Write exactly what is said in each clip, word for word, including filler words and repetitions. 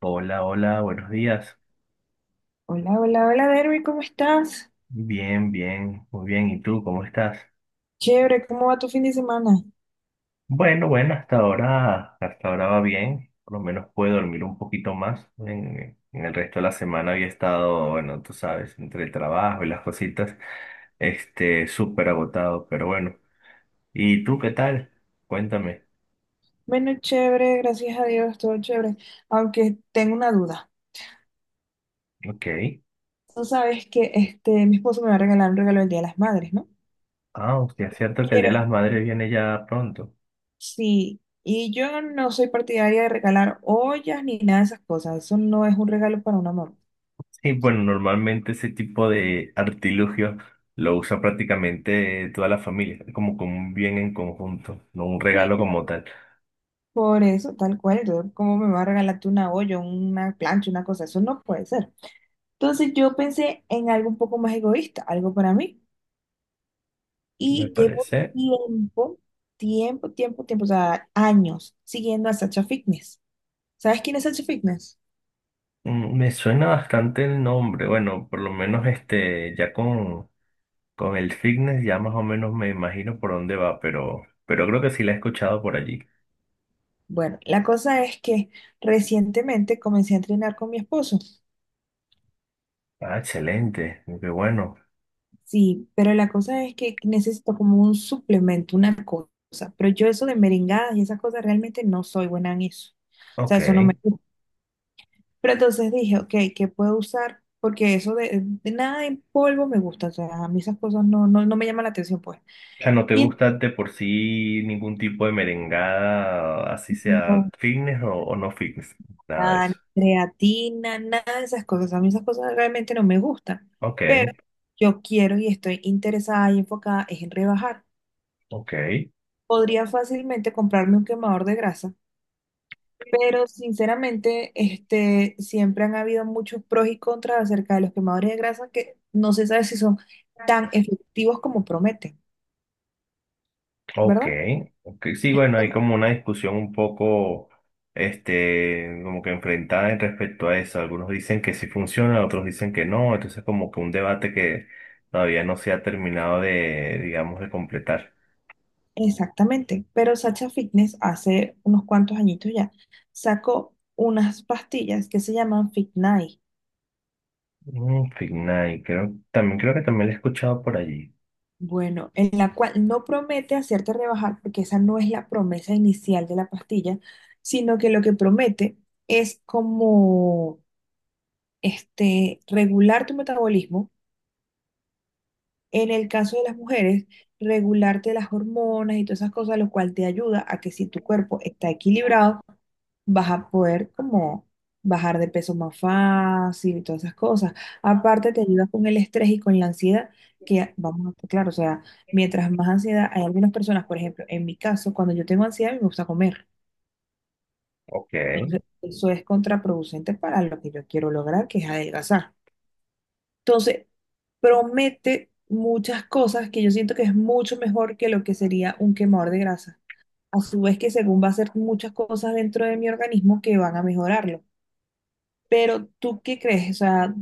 Hola, hola, buenos días. Hola, hola, hola, Derby, ¿cómo estás? Bien, bien, muy bien. ¿Y tú cómo estás? Chévere, ¿cómo va tu fin de semana? Bueno, bueno, hasta ahora, hasta ahora va bien. Por lo menos puedo dormir un poquito más. En, en el resto de la semana había estado, bueno, tú sabes, entre el trabajo y las cositas, este, súper agotado, pero bueno. ¿Y tú qué tal? Cuéntame. Bueno, chévere, gracias a Dios, todo chévere. Aunque tengo una duda. Ok. Tú sabes que este, mi esposo me va a regalar un regalo el Día de las Madres, ¿no? Ah, hostia, es cierto que el Día de las Quiero, Madres viene ya pronto. sí. Y yo no soy partidaria de regalar ollas ni nada de esas cosas. Eso no es un regalo para una mamá. Sí, bueno, normalmente ese tipo de artilugio lo usa prácticamente toda la familia, como con un bien en conjunto, no un Sí, regalo como tal. por eso, tal cual. Entonces, ¿cómo me va a regalar tú una olla, una plancha, una cosa? Eso no puede ser. Entonces, yo pensé en algo un poco más egoísta, algo para mí. Me Y llevo parece. tiempo, tiempo, tiempo, tiempo, o sea, años siguiendo a Sacha Fitness. ¿Sabes quién es Sacha Fitness? Mm, me suena bastante el nombre. Bueno, por lo menos este, ya con, con el fitness ya más o menos me imagino por dónde va, pero, pero creo que sí la he escuchado por allí. Bueno, la cosa es que recientemente comencé a entrenar con mi esposo. Ah, excelente, qué bueno. Sí, pero la cosa es que necesito como un suplemento, una cosa. Pero yo eso de merengadas y esas cosas realmente no soy buena en eso. O Ok. sea, eso no me gusta. Pero entonces dije, ok, ¿qué puedo usar? Porque eso de, de nada en polvo me gusta. O sea, a mí esas cosas no, no, no me llaman la atención, pues. O sea, ¿no te Y gusta de por sí ningún tipo de merengada, así sea entonces, fitness o, o no fitness? Nada de nada, ni eso. creatina, nada de esas cosas. A mí esas cosas realmente no me gustan, Ok, pero yo quiero y estoy interesada y enfocada es en rebajar. ok, Podría fácilmente comprarme un quemador de grasa, pero sinceramente, este, siempre han habido muchos pros y contras acerca de los quemadores de grasa que no se sabe si son tan efectivos como prometen, ok, ¿verdad? ok. Sí, bueno, hay como una discusión un poco, este, como que enfrentada respecto a eso. Algunos dicen que sí funciona, otros dicen que no. Entonces, como que un debate que todavía no se ha terminado de, digamos, de completar. Exactamente, pero Sacha Fitness hace unos cuantos añitos ya sacó unas pastillas que se llaman Fit Night. Mm, Fitness, creo, también creo que también lo he escuchado por allí. Bueno, en la cual no promete hacerte rebajar, porque esa no es la promesa inicial de la pastilla, sino que lo que promete es como este, regular tu metabolismo en el caso de las mujeres, regularte las hormonas y todas esas cosas, lo cual te ayuda a que si tu cuerpo está equilibrado, vas a poder como bajar de peso más fácil y todas esas cosas. Aparte, te ayuda con el estrés y con la ansiedad, que vamos a estar claro, o sea, mientras más ansiedad, hay algunas personas, por ejemplo, en mi caso, cuando yo tengo ansiedad, a mí me gusta comer. Ok. Entonces, eso es contraproducente para lo que yo quiero lograr, que es adelgazar. Entonces, promete muchas cosas que yo siento que es mucho mejor que lo que sería un quemador de grasa. A su vez que según va a hacer muchas cosas dentro de mi organismo que van a mejorarlo. Pero ¿tú qué crees? O sea,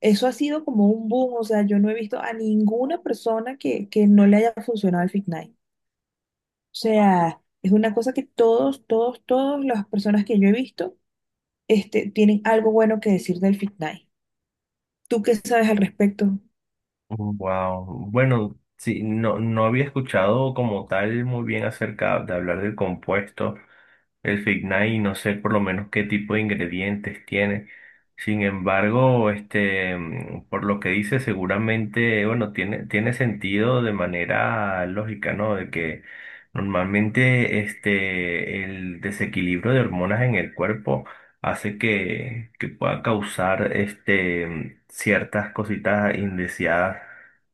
eso ha sido como un boom. O sea, yo no he visto a ninguna persona que, que no le haya funcionado el Fitnight. O sea, es una cosa que todos, todos, todas las personas que yo he visto, este, tienen algo bueno que decir del Fitnight. ¿Tú qué sabes al respecto? Wow. Bueno, sí, no, no había escuchado como tal muy bien acerca de hablar del compuesto, el Fignai, no sé por lo menos qué tipo de ingredientes tiene. Sin embargo, este, mm, por lo que dice, seguramente, bueno, tiene, tiene sentido de manera lógica, ¿no? De que normalmente este, el desequilibrio de hormonas en el cuerpo hace que, que pueda causar este, ciertas cositas indeseadas.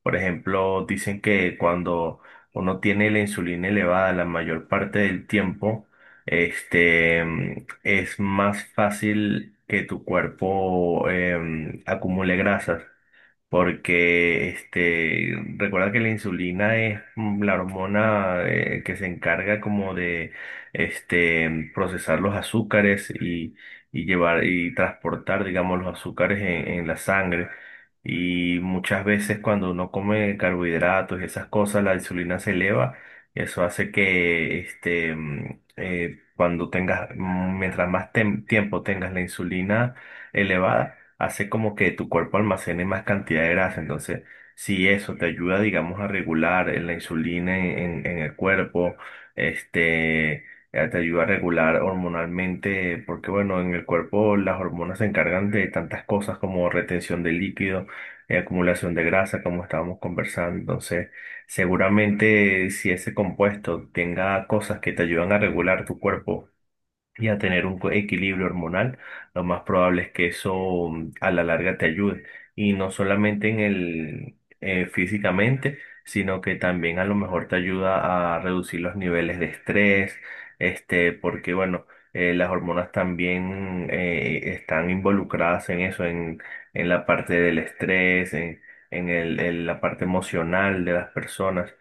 Por ejemplo, dicen que cuando uno tiene la insulina elevada la mayor parte del tiempo, este, mm, es más fácil que tu cuerpo em, acumule grasas. Porque este, recuerda que la insulina es mm, la hormona eh, que se encarga como de este, procesar los azúcares y, y llevar y transportar, digamos, los azúcares en, en la sangre. Y muchas veces cuando uno come carbohidratos y esas cosas, la insulina se eleva. y Eso hace que este, mm, eh, cuando tengas, mm, mientras más tem- tiempo tengas la insulina elevada hace como que tu cuerpo almacene más cantidad de grasa. Entonces, si eso te ayuda, digamos, a regular eh, la insulina en, en- en el cuerpo, este, eh, te ayuda a regular hormonalmente, porque bueno, en el cuerpo las hormonas se encargan de tantas cosas como retención de líquido, eh, acumulación de grasa, como estábamos conversando. Entonces, seguramente si ese compuesto tenga cosas que te ayudan a regular tu cuerpo, y a tener un co- equilibrio hormonal, lo más probable es que eso mm, a la larga te ayude. Y no solamente en el eh, físicamente, sino que también a lo mejor te ayuda a reducir los niveles de estrés, este, porque bueno, eh, las hormonas también eh, están involucradas en eso, en, en la parte del estrés, en, en el- en la parte emocional de las personas.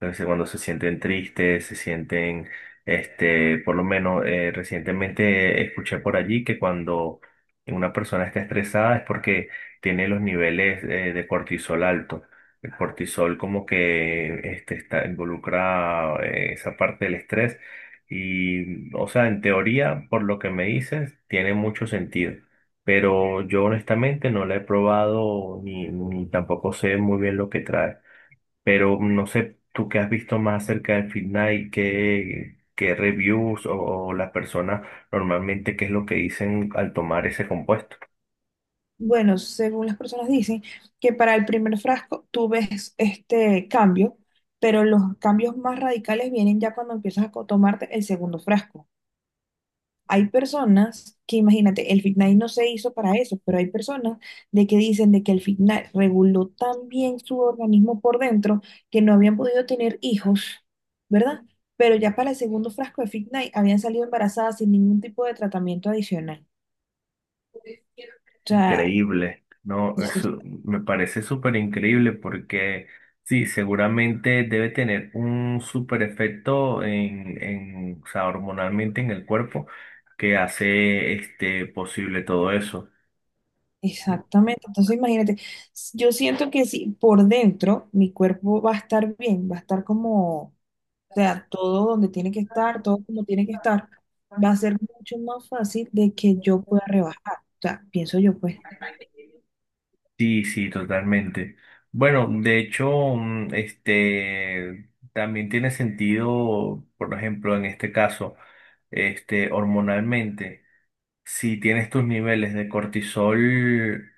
Entonces, cuando se sienten tristes, se sienten, este, por lo menos eh, recientemente escuché por allí que cuando una persona está estresada es porque tiene los niveles eh, de cortisol alto. El cortisol como que este, está involucra eh, esa parte del estrés y, o sea, en teoría, por lo que me dices, tiene mucho sentido. Pero yo honestamente no la he probado ni, ni tampoco sé muy bien lo que trae. Pero no sé, tú qué has visto más acerca del final y qué, qué reviews o, o las personas normalmente qué es lo que dicen al tomar ese compuesto. Bueno, según las personas dicen que para el primer frasco tú ves este cambio, pero los cambios más radicales vienen ya cuando empiezas a co- tomarte el segundo frasco. Hay personas que, imagínate, el Fit no se hizo para eso, pero hay personas de que dicen de que el Fit reguló tan bien su organismo por dentro que no habían podido tener hijos, ¿verdad? Pero ya para el segundo frasco de Fit habían salido embarazadas sin ningún tipo de tratamiento adicional. O sea, Increíble, ¿no? Eso me parece súper increíble porque sí, seguramente debe tener un súper efecto en, en, o sea, hormonalmente en el cuerpo que hace este posible todo eso. exactamente, entonces imagínate, s- yo siento que si por dentro mi cuerpo va a estar bien, va a estar como, o sea, todo donde tiene que estar, todo como tiene que estar, va a ser mucho más fácil de que yo pueda rebajar, o sea, pienso yo pues. Sí, sí, totalmente. Bueno, de hecho, mm, este, también tiene sentido, por ejemplo, en este caso, este, hormonalmente. Si tienes tus niveles de cortisol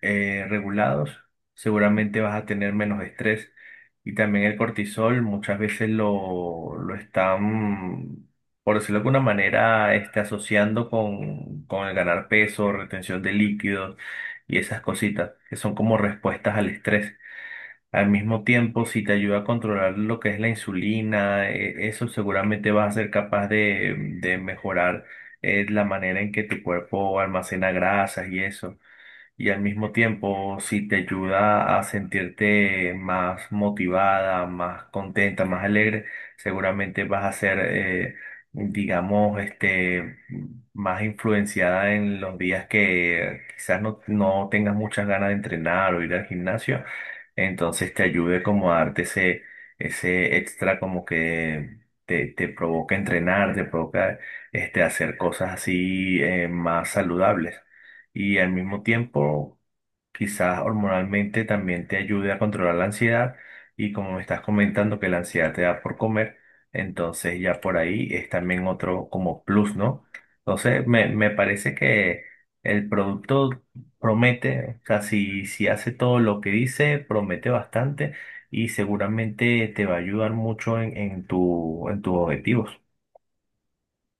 eh, regulados, seguramente vas a tener menos estrés. Y también el cortisol muchas veces lo, lo están, por decirlo de alguna manera, este, asociando con, con el ganar peso, retención de líquidos y esas cositas que son como respuestas al estrés. Al mismo tiempo, si te ayuda a controlar lo que es la insulina, eh, eso seguramente vas a ser capaz de, de mejorar eh, la manera en que tu cuerpo almacena grasas y eso y al mismo tiempo si te ayuda a sentirte más motivada, más contenta, más alegre, seguramente vas a ser, eh, digamos, este, más influenciada en los días que quizás no, no tengas muchas ganas de entrenar o ir al gimnasio, entonces te ayude como a darte ese, ese extra como que te, te provoca entrenar, te provoca este, hacer cosas así eh, más saludables y al mismo tiempo quizás hormonalmente también te ayude a controlar la ansiedad y como me estás comentando que la ansiedad te da por comer, entonces ya por ahí es también otro como plus, ¿no? Entonces me, me parece que el producto promete, o sea, si, si hace todo lo que dice, promete bastante y seguramente te va a ayudar mucho en, en tu, en tus objetivos.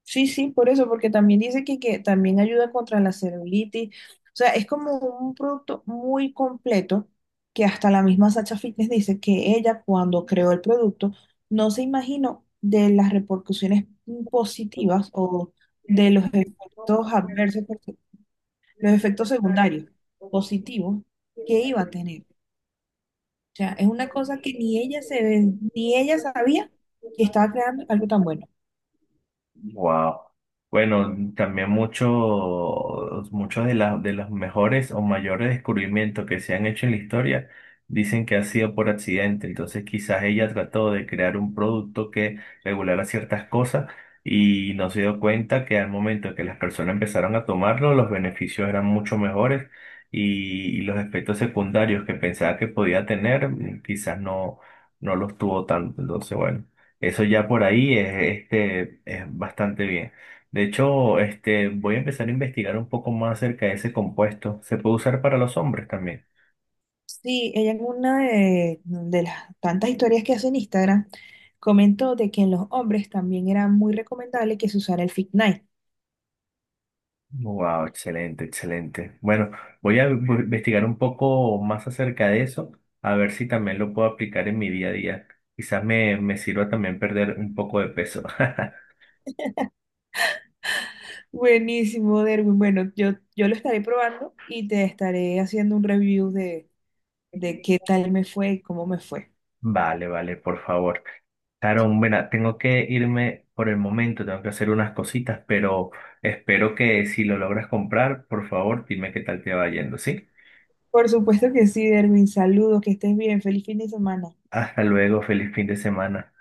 Sí, sí, por eso, porque también dice que, que también ayuda contra la celulitis. O sea, es como un producto muy completo que hasta la misma Sacha Fitness dice que ella cuando creó el producto no se imaginó de las repercusiones positivas o de los efectos adversos, porque- los efectos secundarios positivos que iba a tener. O sea, es una cosa que ni ella se, ni ella sabía que estaba creando algo tan bueno. Wow. Bueno, también muchos, muchos de, la- de los mejores o mayores descubrimientos que se han hecho en la historia dicen que ha sido por accidente. Entonces, quizás ella trató de crear un producto que regulara ciertas cosas y no se dio cuenta que al momento que las personas empezaron a tomarlo, los beneficios eran mucho mejores y, y los efectos secundarios que pensaba que podía tener, mm, quizás no, no los tuvo tanto. Entonces, bueno. Eso ya por ahí es, este, es bastante bien. De hecho, este, voy a empezar a investigar un poco más acerca de ese compuesto. ¿Se puede usar para los hombres también? Sí, ella en una de, de las tantas historias que hace en Instagram comentó de que en los hombres también era muy recomendable que se usara el Fit Night. Wow, excelente, excelente. Bueno, voy a bu- investigar un poco más acerca de eso, a ver si también lo puedo aplicar en mi día a día. Quizás me, me sirva también perder un poco de peso. Buenísimo, Derwin. Bueno, yo, yo lo estaré probando y te estaré haciendo un review de, de qué tal me fue y cómo me fue. Vale, vale, por favor. Sharon, mira, tengo que irme por el momento, tengo que hacer unas cositas, pero espero que si lo logras comprar, por favor, dime qué tal te va yendo, ¿sí? Por supuesto que sí, Derwin. Saludos, que estés bien. Feliz fin de semana. Hasta luego, feliz fin de semana.